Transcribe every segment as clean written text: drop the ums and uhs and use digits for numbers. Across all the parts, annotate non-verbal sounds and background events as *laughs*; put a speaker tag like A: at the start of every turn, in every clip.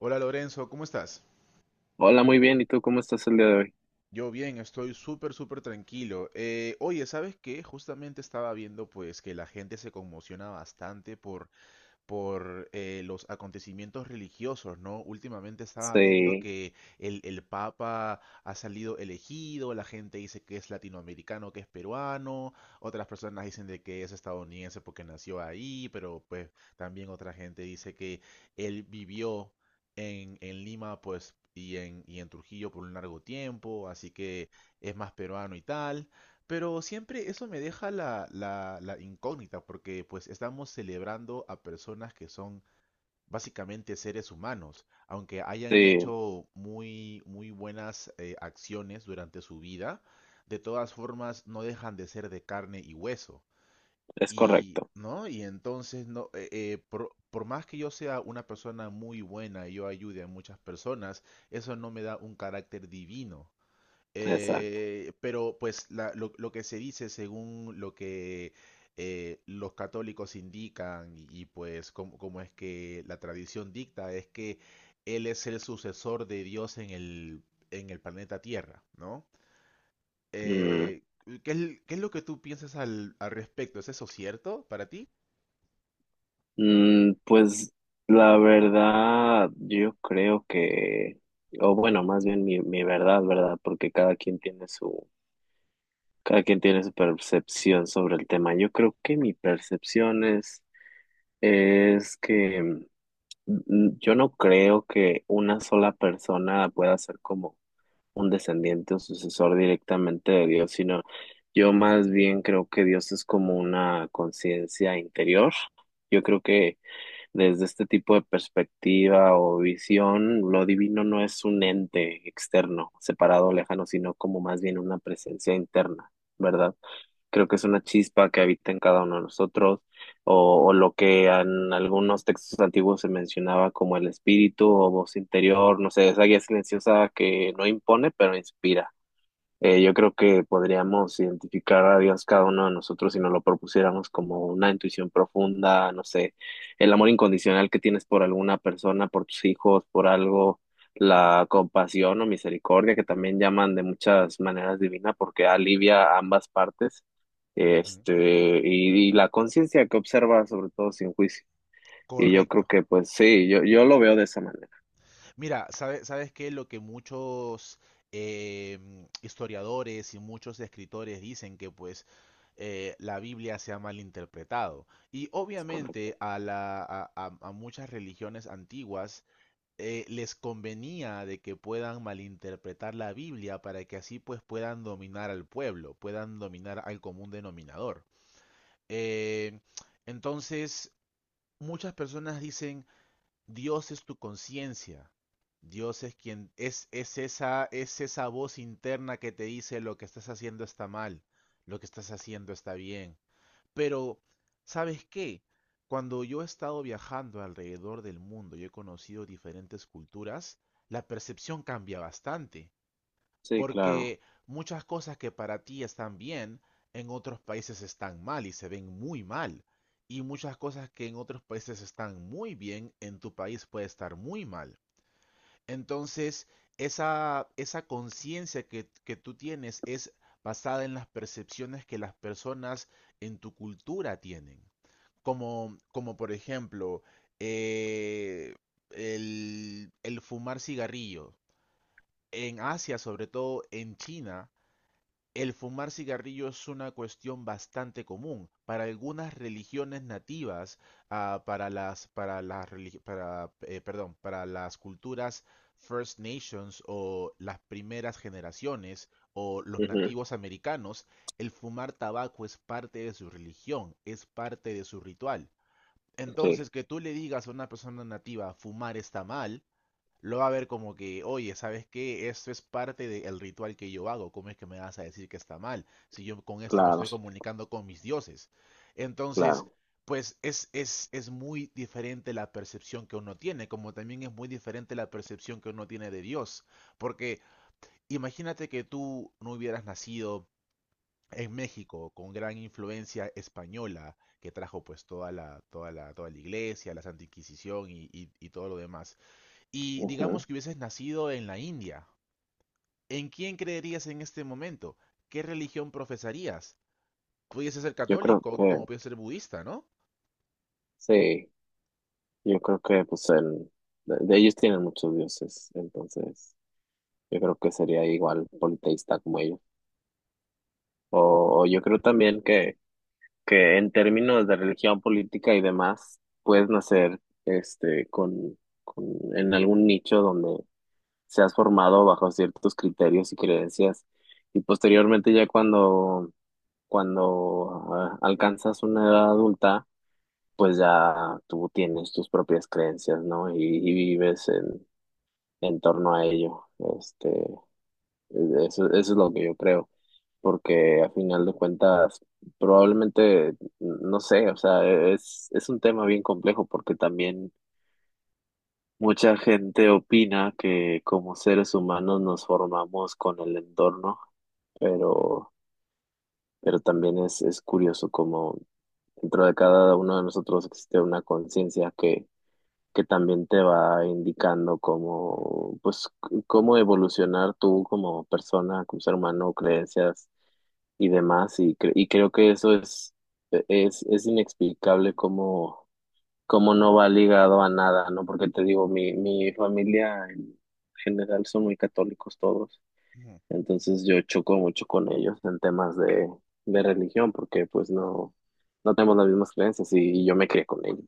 A: Hola Lorenzo, ¿cómo estás?
B: Hola, muy bien. ¿Y tú cómo estás el día de hoy?
A: Yo bien, estoy súper, súper tranquilo. Oye, ¿sabes qué? Justamente estaba viendo pues que la gente se conmociona bastante por los acontecimientos religiosos, ¿no? Últimamente estaba viendo
B: Sí,
A: que el Papa ha salido elegido, la gente dice que es latinoamericano, que es peruano, otras personas dicen de que es estadounidense porque nació ahí, pero pues también otra gente dice que él vivió en Lima, pues, y en Trujillo por un largo tiempo, así que es más peruano y tal. Pero siempre eso me deja la incógnita, porque pues estamos celebrando a personas que son básicamente seres humanos, aunque hayan
B: sí,
A: hecho muy, muy buenas acciones durante su vida, de todas formas no dejan de ser de carne y hueso.
B: es
A: Y,
B: correcto.
A: ¿no? Y entonces, no, por más que yo sea una persona muy buena y yo ayude a muchas personas, eso no me da un carácter divino.
B: Exacto.
A: Pero pues lo que se dice según lo que los católicos indican y, pues como, como es que la tradición dicta es que él es el sucesor de Dios en el planeta Tierra, ¿no?
B: Mm,
A: Eh, ¿Qué es, qué es lo que tú piensas al, al respecto? ¿Es eso cierto para ti?
B: pues la verdad, o bueno, más bien mi verdad, ¿verdad? Porque cada quien tiene su, cada quien tiene su percepción sobre el tema. Yo creo que mi percepción es que yo no creo que una sola persona pueda ser como un descendiente o sucesor directamente de Dios, sino yo más bien creo que Dios es como una conciencia interior. Yo creo que desde este tipo de perspectiva o visión, lo divino no es un ente externo, separado, lejano, sino como más bien una presencia interna, ¿verdad? Creo que es una chispa que habita en cada uno de nosotros, o lo que en algunos textos antiguos se mencionaba como el espíritu o voz interior, no sé, esa guía silenciosa que no impone, pero inspira. Yo creo que podríamos identificar a Dios cada uno de nosotros si nos lo propusiéramos como una intuición profunda, no sé, el amor incondicional que tienes por alguna persona, por tus hijos, por algo, la compasión o misericordia que también llaman de muchas maneras divina porque alivia ambas partes,
A: Ujú.
B: este, y la conciencia que observa sobre todo sin juicio. Y yo creo
A: Correcto.
B: que pues sí, yo lo veo de esa manera.
A: Mira, ¿sabes qué? Lo que muchos eh, historiadores y muchos escritores dicen que pues la Biblia se ha malinterpretado. Y
B: Es correcto.
A: obviamente a, la, a muchas religiones antiguas les convenía de que puedan malinterpretar la Biblia para que así pues puedan dominar al pueblo, puedan dominar al común denominador. Eh, entonces, muchas personas dicen... Dios es tu conciencia. Dios es quien es, es esa voz interna que te dice lo que estás haciendo está mal, lo que estás haciendo está bien. Pero, ¿sabes qué? Cuando yo he estado viajando alrededor del mundo y he conocido diferentes culturas, la percepción cambia bastante.
B: Sí, claro.
A: Porque muchas cosas que para ti están bien, en otros países están mal y se ven muy mal. Y muchas cosas que en otros países están muy bien, en tu país puede estar muy mal. Entonces, esa conciencia que tú tienes es basada en las percepciones que las personas en tu cultura tienen. Como, como por ejemplo, eh, el fumar cigarrillo. En Asia, sobre todo en China, el fumar cigarrillo es una cuestión bastante común para algunas religiones nativas, ah, para perdón, para las culturas First Nations o las primeras generaciones o los
B: Ujú.
A: nativos americanos, el fumar tabaco es parte de su religión, es parte de su ritual.
B: Sí,
A: Entonces, que tú le digas a una persona nativa fumar está mal, lo va a ver como que, oye, ¿sabes qué? Esto es parte del ritual que yo hago. ¿Cómo es que me vas a decir que está mal? Si yo con esto me
B: claro,
A: estoy comunicando con mis dioses. Entonces,
B: claro.
A: pues es muy diferente la percepción que uno tiene, como también es muy diferente la percepción que uno tiene de Dios. Porque imagínate que tú no hubieras nacido en México con gran influencia española que trajo pues toda la, toda la, toda la iglesia, la Santa Inquisición y, y todo lo demás. Y
B: Ujú.
A: digamos que hubieses nacido en la India. ¿En quién creerías en este momento? ¿Qué religión profesarías? Pudiese ser
B: Yo creo
A: católico
B: que,
A: como puede ser budista, ¿no?
B: sí, yo creo que pues el, de ellos tienen muchos dioses, entonces yo creo que sería igual politeísta como ellos. O yo creo también que en términos de religión política y demás, puedes nacer este, con, en algún nicho donde seas formado bajo ciertos criterios y creencias y posteriormente ya cuando, cuando alcanzas una edad adulta, pues ya tú tienes tus propias creencias, ¿no? Y vives en torno a ello. Este, eso, eso es lo que yo creo, porque a final de cuentas, probablemente, no sé, o sea, es un tema bien complejo porque también mucha gente opina que como seres humanos nos formamos con el entorno, pero, pero también es curioso como dentro de cada uno de nosotros existe una conciencia que también te va indicando cómo, pues, cómo evolucionar tú como persona, como ser humano, creencias y demás. Y, y creo que eso es, es inexplicable cómo, cómo no va ligado a nada, ¿no? Porque te digo, mi familia en general son muy católicos todos,
A: Ujú.
B: entonces yo choco mucho con ellos en temas de religión, porque pues no, no tenemos las mismas creencias y yo me crié con ellos.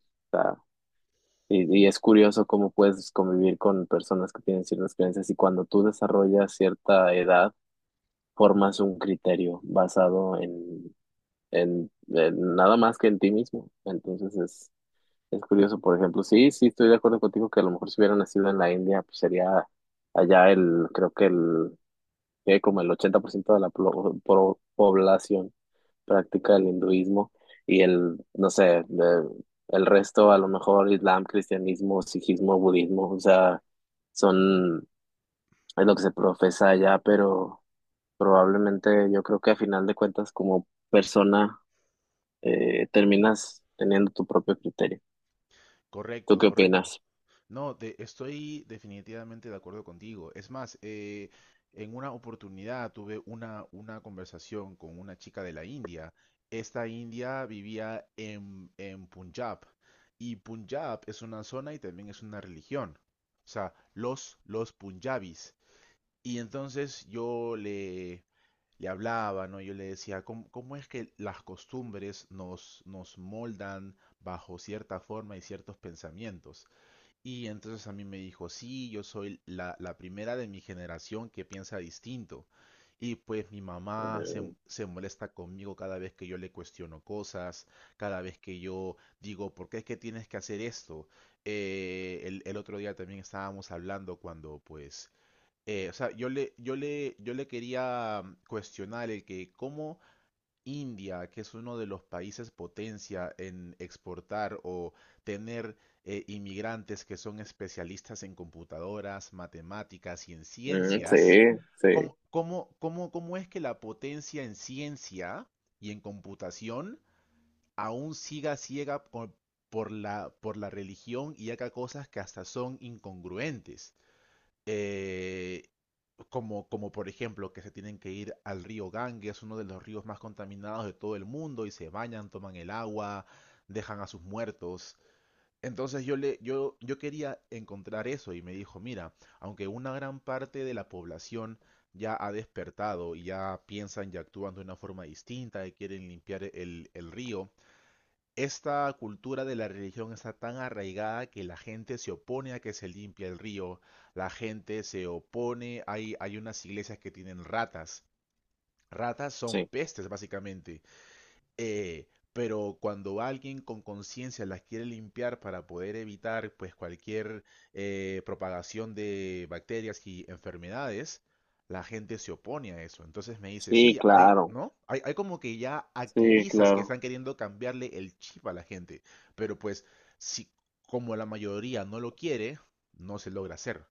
B: Y es curioso cómo puedes convivir con personas que tienen ciertas creencias y cuando tú desarrollas cierta edad, formas un criterio basado en nada más que en ti mismo. Entonces es curioso, por ejemplo, sí, sí, estoy de acuerdo contigo que a lo mejor si hubiera nacido en la India, pues sería allá el, creo que el, que como el 80% de la población práctica del hinduismo y el, no sé, el resto, a lo mejor islam, cristianismo, sijismo, budismo, o sea, son, es lo que se profesa allá, pero probablemente yo creo que a final de cuentas como persona terminas teniendo tu propio criterio. ¿Tú
A: Correcto,
B: qué
A: correcto.
B: opinas?
A: No, estoy definitivamente de acuerdo contigo. Es más, en una oportunidad tuve una conversación con una chica de la India. Esta india vivía en Punjab y Punjab es una zona y también es una religión. O sea, los punjabis. Y entonces le hablaba, ¿no? Yo le decía, ¿cómo, cómo es que las costumbres nos, nos moldan bajo cierta forma y ciertos pensamientos? Y entonces a mí me dijo, sí, yo soy la primera de mi generación que piensa distinto. Y pues mi mamá
B: Mm,
A: se molesta conmigo cada vez que yo le cuestiono cosas, cada vez que yo digo, ¿por qué es que tienes que hacer esto? El otro día también estábamos hablando cuando pues o sea, yo le quería cuestionar el que cómo India, que es uno de los países potencia en exportar o tener inmigrantes que son especialistas en computadoras, matemáticas y en ciencias,
B: sí, sí,
A: ¿cómo es que la potencia en ciencia y en computación aún siga ciega por, por la religión y haga cosas que hasta son incongruentes? Eh, Como, como por ejemplo que se tienen que ir al río Ganges, uno de los ríos más contaminados de todo el mundo, y se bañan, toman el agua, dejan a sus muertos. Entonces yo quería encontrar eso y me dijo, mira, aunque una gran parte de la población ya ha despertado y ya piensan y actúan de una forma distinta y quieren limpiar el río, esta cultura de la religión está tan arraigada que la gente se opone a que se limpie el río, la gente se opone, hay unas iglesias que tienen ratas. Ratas son
B: sí.
A: pestes, básicamente. Eh, pero cuando alguien con conciencia las quiere limpiar para poder evitar pues cualquier propagación de bacterias y enfermedades, la gente se opone a eso. Entonces me dice,
B: Sí,
A: sí, hay,
B: claro,
A: ¿no? Hay como que ya
B: sí,
A: activistas que
B: claro.
A: están queriendo cambiarle el chip a la gente, pero pues si como la mayoría no lo quiere, no se logra hacer.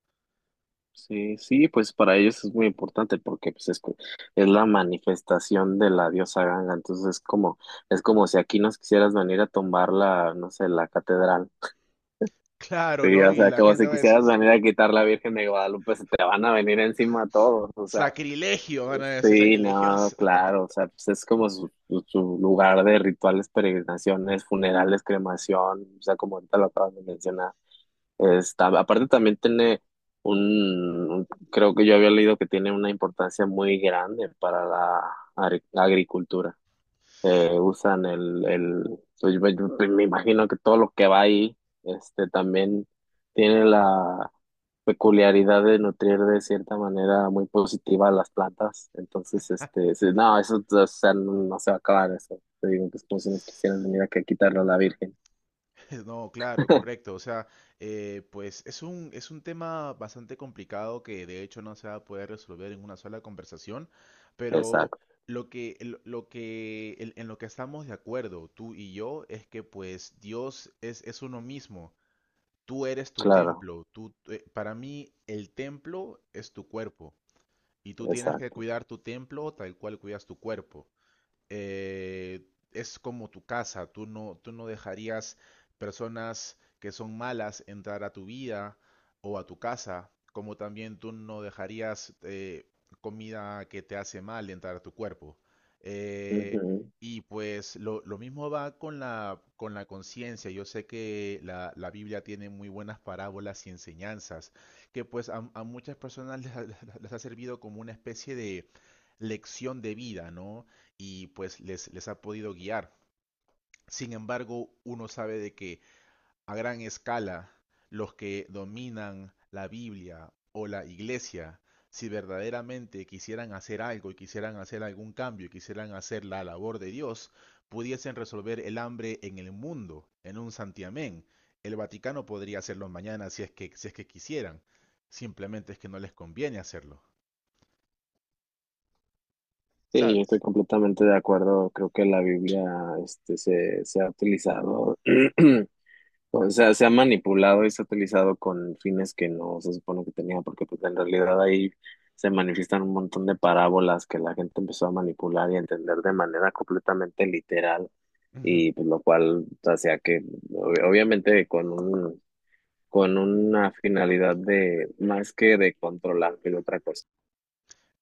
B: Sí, sí, pues para ellos es muy importante porque pues es, es la manifestación de la diosa Ganga, entonces es como si aquí nos quisieras venir a tumbar la, no sé, la catedral.
A: Claro,
B: Sí,
A: ¿no?
B: o
A: Y
B: sea,
A: la
B: como
A: gente
B: si
A: va a decir,
B: quisieras venir a quitar la Virgen de Guadalupe, se te van a venir encima todos, o sea,
A: sacrilegio, van a decir
B: sí, no,
A: sacrilegios.
B: claro, o sea, pues es como su, su lugar de rituales, peregrinaciones, funerales, cremación, o sea, como ahorita lo acabas de mencionar. Está, aparte también tiene un- creo que yo había leído que tiene una importancia muy grande para la, agricultura. Usan el, pues, yo me imagino que todo lo que va ahí, este, también tiene la peculiaridad de nutrir de cierta manera muy positiva a las plantas. Entonces, este, sí, no, eso, o sea, no, no se va a acabar eso. Te digo que es como si nos quisieran venir
A: *laughs*
B: aquí a quitarlo a la Virgen.
A: *laughs* No, claro,
B: *laughs*
A: correcto. O sea, pues es un tema bastante complicado que de hecho no se va a poder resolver en una sola conversación, pero
B: Exacto,
A: en lo que estamos de acuerdo, tú y yo, es que pues Dios es uno mismo. Tú eres tu
B: claro,
A: templo. Para mí, el templo es tu cuerpo y tú tienes que
B: exacto.
A: cuidar tu templo tal cual cuidas tu cuerpo, eh, es como tu casa, tú no dejarías personas que son malas entrar a tu vida o a tu casa, como también tú no dejarías comida que te hace mal entrar a tu cuerpo. Eh,
B: Ujú.
A: y pues lo mismo va con la conciencia. Yo sé que la Biblia tiene muy buenas parábolas y enseñanzas, que pues a muchas personas *laughs* les ha servido como una especie de lección de vida, ¿no? Y pues les ha podido guiar. Sin embargo, uno sabe de que a gran escala los que dominan la Biblia o la iglesia, si verdaderamente quisieran hacer algo y quisieran hacer algún cambio y quisieran hacer la labor de Dios, pudiesen resolver el hambre en el mundo, en un santiamén. El Vaticano podría hacerlo mañana si es que quisieran. Simplemente es que no les conviene hacerlo,
B: Sí, yo estoy
A: ¿sabes?
B: completamente de acuerdo. Creo que la Biblia, este, se ha utilizado, *clears throat* o sea, se ha manipulado y se ha utilizado con fines que no se supone que tenía, porque pues en realidad ahí se manifiestan un montón de parábolas que la gente empezó a manipular y a entender de manera completamente literal,
A: Ujú.
B: y pues lo cual hacía que, obviamente, con un, con una finalidad de más que de controlar que de otra cosa.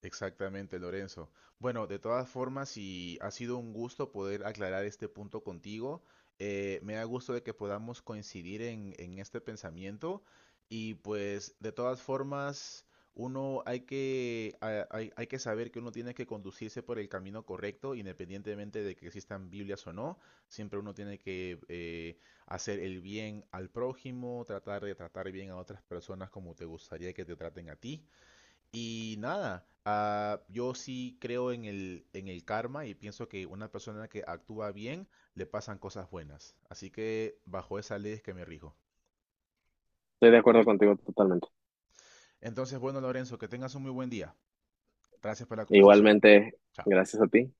A: Exactamente, Lorenzo. Bueno, de todas formas, y ha sido un gusto poder aclarar este punto contigo. Me da gusto de que podamos coincidir en este pensamiento. Y pues, de todas formas, uno hay que saber que uno tiene que conducirse por el camino correcto, independientemente de que existan Biblias o no. Siempre uno tiene que hacer el bien al prójimo, tratar de tratar bien a otras personas como te gustaría que te traten a ti. Y nada, ah, yo sí creo en el karma y pienso que una persona que actúa bien le pasan cosas buenas. Así que bajo esa ley es que me rijo.
B: Estoy de acuerdo contigo totalmente.
A: Entonces, bueno, Lorenzo, que tengas un muy buen día. Gracias por la conversación.
B: Igualmente,
A: Chao.
B: gracias a ti.